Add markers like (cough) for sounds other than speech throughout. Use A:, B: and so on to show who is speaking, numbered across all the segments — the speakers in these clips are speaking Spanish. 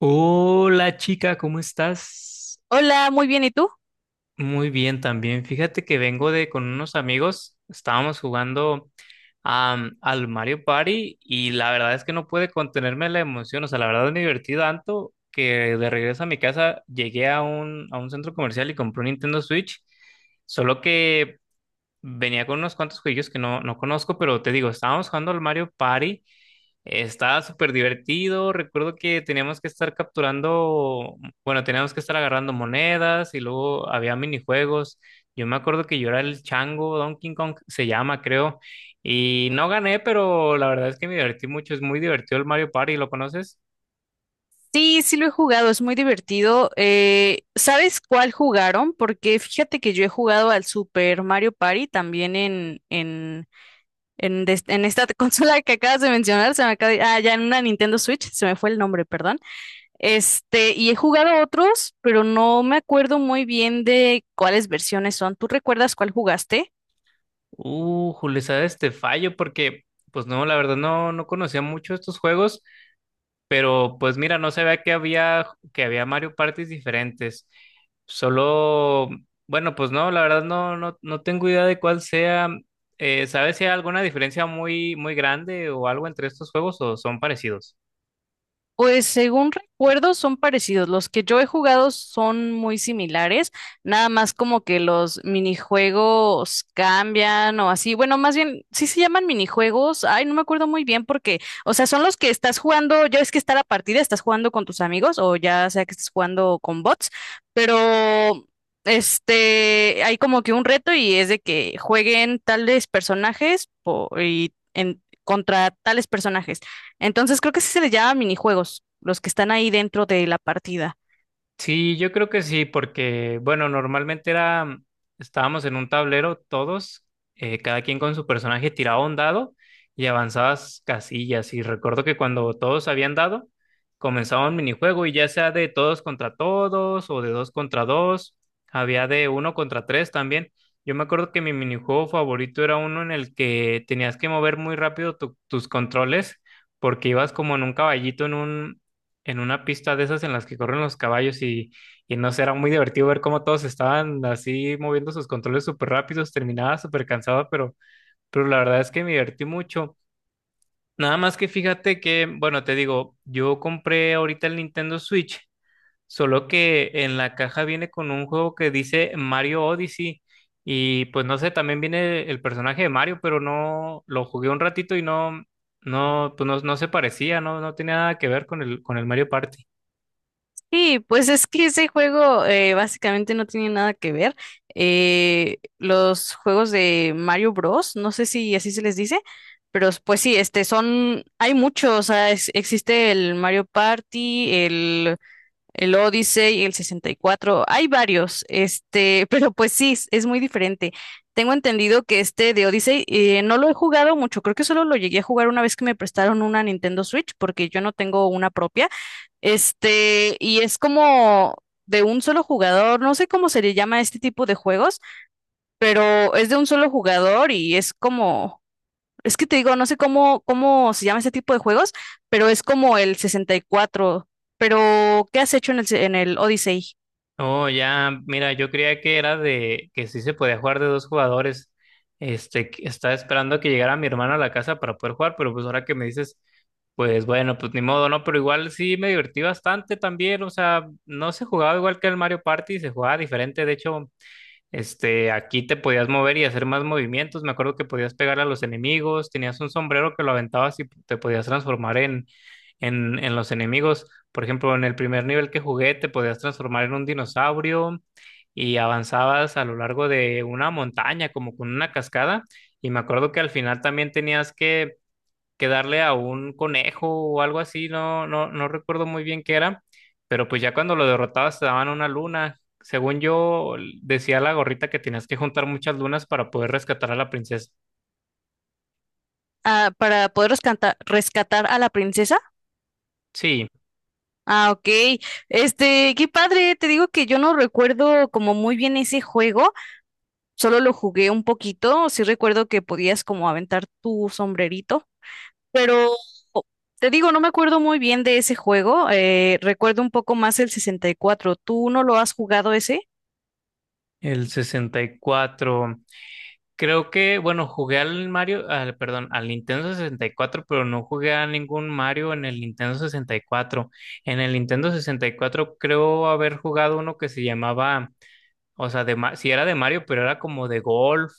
A: Hola chica, ¿cómo estás?
B: Hola, muy bien, ¿y tú?
A: Muy bien también. Fíjate que vengo de con unos amigos, estábamos jugando al Mario Party y la verdad es que no pude contenerme la emoción, o sea, la verdad me divertí tanto que de regreso a mi casa llegué a un centro comercial y compré un Nintendo Switch, solo que venía con unos cuantos juegos que no conozco, pero te digo, estábamos jugando al Mario Party. Estaba súper divertido. Recuerdo que teníamos que estar capturando, bueno, teníamos que estar agarrando monedas y luego había minijuegos. Yo me acuerdo que yo era el chango, Donkey Kong se llama, creo. Y no gané, pero la verdad es que me divertí mucho. Es muy divertido el Mario Party, ¿lo conoces?
B: Sí, sí lo he jugado, es muy divertido. ¿Sabes cuál jugaron? Porque fíjate que yo he jugado al Super Mario Party también en esta (laughs) consola que acabas de mencionar, se me acaba de- ah, ya en una Nintendo Switch, se me fue el nombre, perdón. Y he jugado otros, pero no me acuerdo muy bien de cuáles versiones son. ¿Tú recuerdas cuál jugaste?
A: Julio, sabes, te fallo porque pues no, la verdad no conocía mucho estos juegos. Pero pues mira, no se ve que había Mario Parties diferentes. Solo, bueno, pues no, la verdad no tengo idea de cuál sea. ¿Sabes si hay alguna diferencia muy, muy grande o algo entre estos juegos o son parecidos?
B: Pues según recuerdo son parecidos. Los que yo he jugado son muy similares, nada más como que los minijuegos cambian o así. Bueno, más bien, sí se llaman minijuegos. Ay, no me acuerdo muy bien porque, o sea, son los que estás jugando, ya es que está la partida, estás jugando con tus amigos o ya sea que estés jugando con bots, pero hay como que un reto y es de que jueguen tales personajes y contra tales personajes. Entonces creo que sí se les llama minijuegos, los que están ahí dentro de la partida.
A: Sí, yo creo que sí, porque, bueno, normalmente era, estábamos en un tablero todos, cada quien con su personaje tiraba un dado y avanzabas casillas. Y recuerdo que cuando todos habían dado, comenzaba un minijuego y ya sea de todos contra todos o de dos contra dos, había de uno contra tres también. Yo me acuerdo que mi minijuego favorito era uno en el que tenías que mover muy rápido tus controles porque ibas como en un caballito en una pista de esas en las que corren los caballos y no sé, era muy divertido ver cómo todos estaban así moviendo sus controles súper rápidos, terminaba súper cansada, pero la verdad es que me divertí mucho. Nada más que fíjate que, bueno, te digo, yo compré ahorita el Nintendo Switch, solo que en la caja viene con un juego que dice Mario Odyssey y pues no sé, también viene el personaje de Mario, pero no, lo jugué un ratito y no, pues no se parecía, no tenía nada que ver con el, Mario Party.
B: Sí, pues es que ese juego básicamente no tiene nada que ver. Los juegos de Mario Bros, no sé si así se les dice, pero pues sí, son, hay muchos, o sea, existe el Mario Party, el Odyssey, el 64 hay varios, (laughs) pero pues sí, es muy diferente. Tengo entendido que este de Odyssey no lo he jugado mucho, creo que solo lo llegué a jugar una vez que me prestaron una Nintendo Switch, porque yo no tengo una propia. Y es como de un solo jugador, no sé cómo se le llama a este tipo de juegos, pero es de un solo jugador y es que te digo, no sé cómo se llama ese tipo de juegos, pero es como el 64. Pero, ¿qué has hecho en el Odyssey?
A: Oh, ya, mira, yo creía que era de que sí se podía jugar de dos jugadores. Este, que estaba esperando que llegara mi hermano a la casa para poder jugar, pero pues ahora que me dices, pues bueno, pues ni modo, ¿no? Pero igual sí me divertí bastante también, o sea, no se jugaba igual que el Mario Party, se jugaba diferente, de hecho. Este, aquí te podías mover y hacer más movimientos. Me acuerdo que podías pegar a los enemigos, tenías un sombrero que lo aventabas y te podías transformar en los enemigos. Por ejemplo, en el primer nivel que jugué, te podías transformar en un dinosaurio y avanzabas a lo largo de una montaña, como con una cascada. Y me acuerdo que al final también tenías que darle a un conejo o algo así, no recuerdo muy bien qué era, pero pues ya cuando lo derrotabas te daban una luna. Según yo, decía la gorrita que tenías que juntar muchas lunas para poder rescatar a la princesa.
B: Ah, para poder rescatar a la princesa.
A: Sí,
B: Ah, ok. Qué padre. Te digo que yo no recuerdo como muy bien ese juego. Solo lo jugué un poquito. Sí recuerdo que podías como aventar tu sombrerito. Pero te digo, no me acuerdo muy bien de ese juego. Recuerdo un poco más el 64. ¿Tú no lo has jugado ese?
A: el 64. Creo que, bueno, jugué al Mario, al, perdón, al Nintendo 64, pero no jugué a ningún Mario en el Nintendo 64. En el Nintendo 64 creo haber jugado uno que se llamaba. O sea, sí era de Mario, pero era como de golf.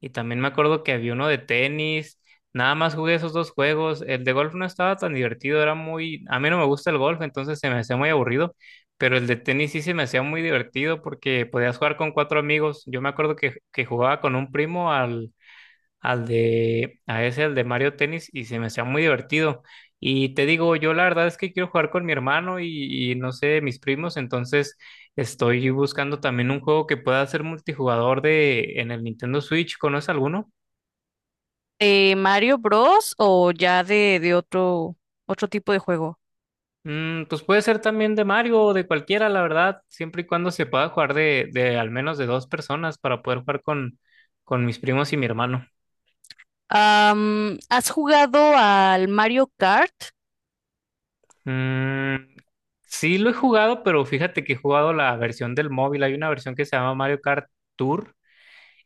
A: Y también me acuerdo que había uno de tenis. Nada más jugué esos dos juegos. El de golf no estaba tan divertido, era muy. A mí no me gusta el golf, entonces se me hacía muy aburrido. Pero el de tenis sí se me hacía muy divertido porque podías jugar con cuatro amigos. Yo me acuerdo que jugaba con un primo al de, a ese, al de Mario Tennis, y se me hacía muy divertido. Y te digo, yo la verdad es que quiero jugar con mi hermano y no sé, mis primos, entonces estoy buscando también un juego que pueda ser multijugador en el Nintendo Switch. ¿Conoces alguno?
B: ¿De Mario Bros o ya de otro tipo de juego?
A: Pues puede ser también de Mario o de cualquiera, la verdad, siempre y cuando se pueda jugar de al menos de dos personas para poder jugar con mis primos y mi hermano.
B: ¿Has jugado al Mario Kart?
A: Mm, sí lo he jugado, pero fíjate que he jugado la versión del móvil. Hay una versión que se llama Mario Kart Tour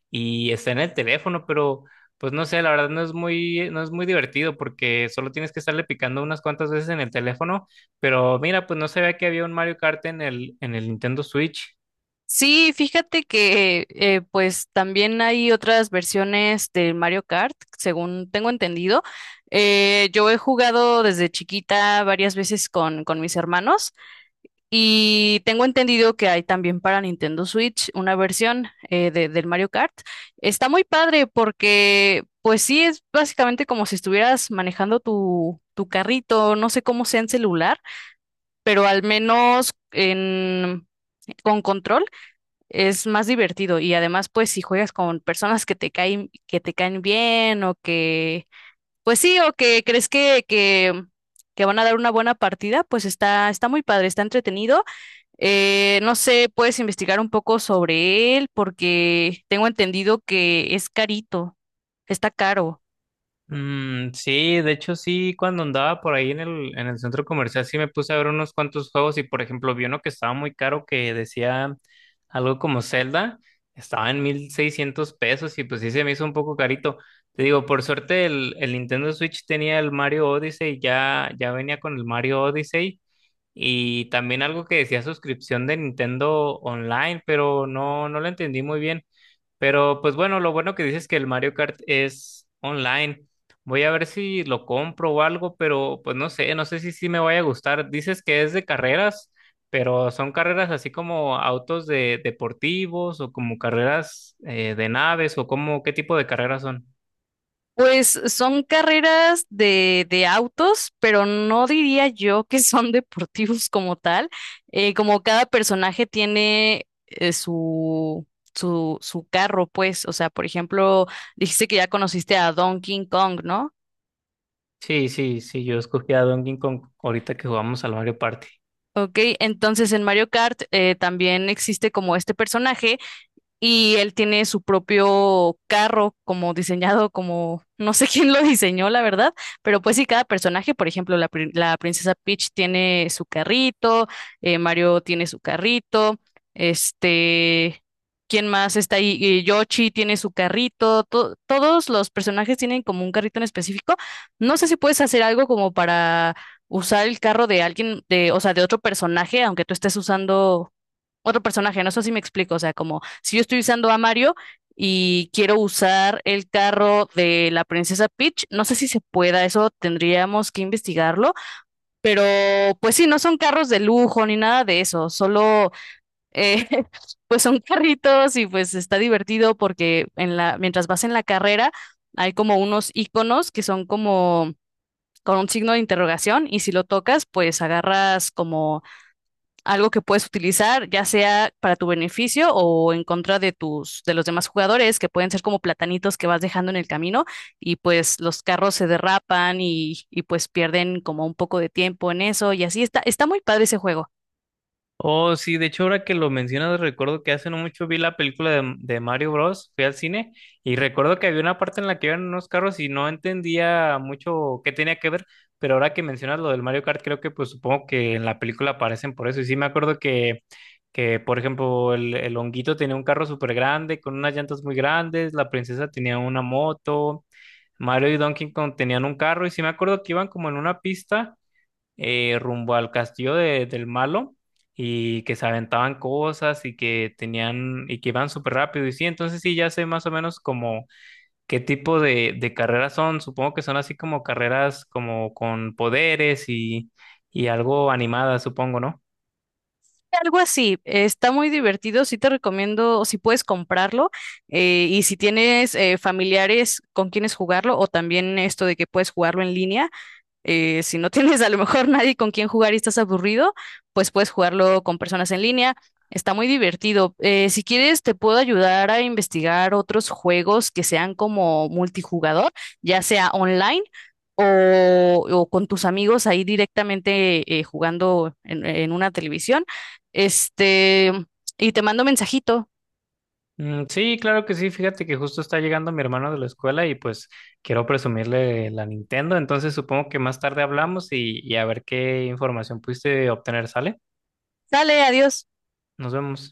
A: y está en el teléfono, pero pues no sé, la verdad no es muy divertido porque solo tienes que estarle picando unas cuantas veces en el teléfono. Pero mira, pues no sabía que había un Mario Kart en el, Nintendo Switch.
B: Sí, fíjate que pues también hay otras versiones del Mario Kart, según tengo entendido. Yo he jugado desde chiquita varias veces con mis hermanos. Y tengo entendido que hay también para Nintendo Switch una versión del Mario Kart. Está muy padre porque, pues sí, es básicamente como si estuvieras manejando tu carrito, no sé cómo sea en celular, pero al menos con control es más divertido. Y además, pues si juegas con personas que te caen bien pues sí, o que crees que van a dar una buena partida, pues está muy padre, está entretenido. No sé, puedes investigar un poco sobre él porque tengo entendido que es carito, está caro.
A: Mm, sí, de hecho sí, cuando andaba por ahí en el, centro comercial sí me puse a ver unos cuantos juegos y por ejemplo vi uno que estaba muy caro que decía algo como Zelda, estaba en 1,600 pesos y pues sí se me hizo un poco carito. Te digo, por suerte el, Nintendo Switch tenía el Mario Odyssey, ya, ya venía con el Mario Odyssey y también algo que decía suscripción de Nintendo Online, pero no lo entendí muy bien. Pero pues bueno, lo bueno que dices es que el Mario Kart es online. Voy a ver si lo compro o algo, pero pues no sé, si sí me vaya a gustar. Dices que es de carreras, pero son carreras así como autos de deportivos o como carreras de naves o como qué tipo de carreras son.
B: Pues son carreras de autos, pero no diría yo que (laughs) son deportivos como tal. Como cada personaje tiene su carro, pues, o sea, por ejemplo, dijiste que ya conociste a Donkey Kong, ¿no?
A: Sí, sí, sí, yo escogí a Donkey Kong ahorita que jugamos al Mario Party.
B: Ok, entonces en Mario Kart también existe como este personaje y él tiene su propio carro como diseñado, como no sé (laughs) quién lo diseñó, la verdad, pero pues sí, cada personaje, por ejemplo, la princesa Peach tiene su carrito, Mario tiene su carrito, este, ¿quién más está ahí? Yoshi tiene su carrito, todos los personajes tienen como un carrito en específico. No sé si puedes hacer algo como para usar el carro de alguien, o sea, de otro personaje, aunque tú estés usando otro personaje, no sé si me explico, o sea, como si yo estoy usando a Mario y quiero usar el carro de la princesa Peach, no sé si se pueda, eso tendríamos que investigarlo, pero pues sí, no son carros de lujo ni nada de eso, solo eh, (laughs) pues son carritos y pues está divertido porque mientras vas en la carrera hay como unos iconos que son como con un signo de interrogación y si lo tocas, pues agarras como algo que puedes utilizar, ya sea para tu beneficio o en contra de de los demás jugadores, que pueden ser como platanitos que vas dejando en el camino y pues los carros se derrapan y pues pierden como un poco de tiempo en eso y así está muy padre ese juego.
A: Oh, sí, de hecho, ahora que lo mencionas, recuerdo que hace no mucho vi la película de Mario Bros. Fui al cine y recuerdo que había una parte en la que iban unos carros y no entendía mucho qué tenía que ver, pero ahora que mencionas lo del Mario Kart, creo que pues supongo que en la película aparecen por eso. Y sí, me acuerdo que por ejemplo, el, honguito tenía un carro súper grande, con unas llantas muy grandes, la princesa tenía una moto, Mario y Donkey Kong tenían un carro, y sí me acuerdo que iban como en una pista rumbo al castillo del malo y que se aventaban cosas y que tenían y que iban súper rápido. Y sí, entonces sí, ya sé más o menos como qué tipo de carreras son. Supongo que son así como carreras como con poderes y algo animadas, supongo, ¿no?
B: Algo así, está muy divertido, sí te recomiendo, si puedes comprarlo y si tienes familiares con quienes jugarlo o también esto de que puedes jugarlo en línea. Si no tienes a lo mejor nadie con quien jugar y estás aburrido, pues puedes jugarlo con personas en línea. Está muy divertido. Si quieres, te puedo ayudar a investigar otros juegos que sean como multijugador, ya sea online o con tus amigos ahí directamente jugando en una televisión. Este, y te mando mensajito.
A: Mm, sí, claro que sí. Fíjate que justo está llegando mi hermano de la escuela y pues quiero presumirle la Nintendo. Entonces supongo que más tarde hablamos y a ver qué información pudiste obtener, ¿sale?
B: Sale, adiós.
A: Nos vemos.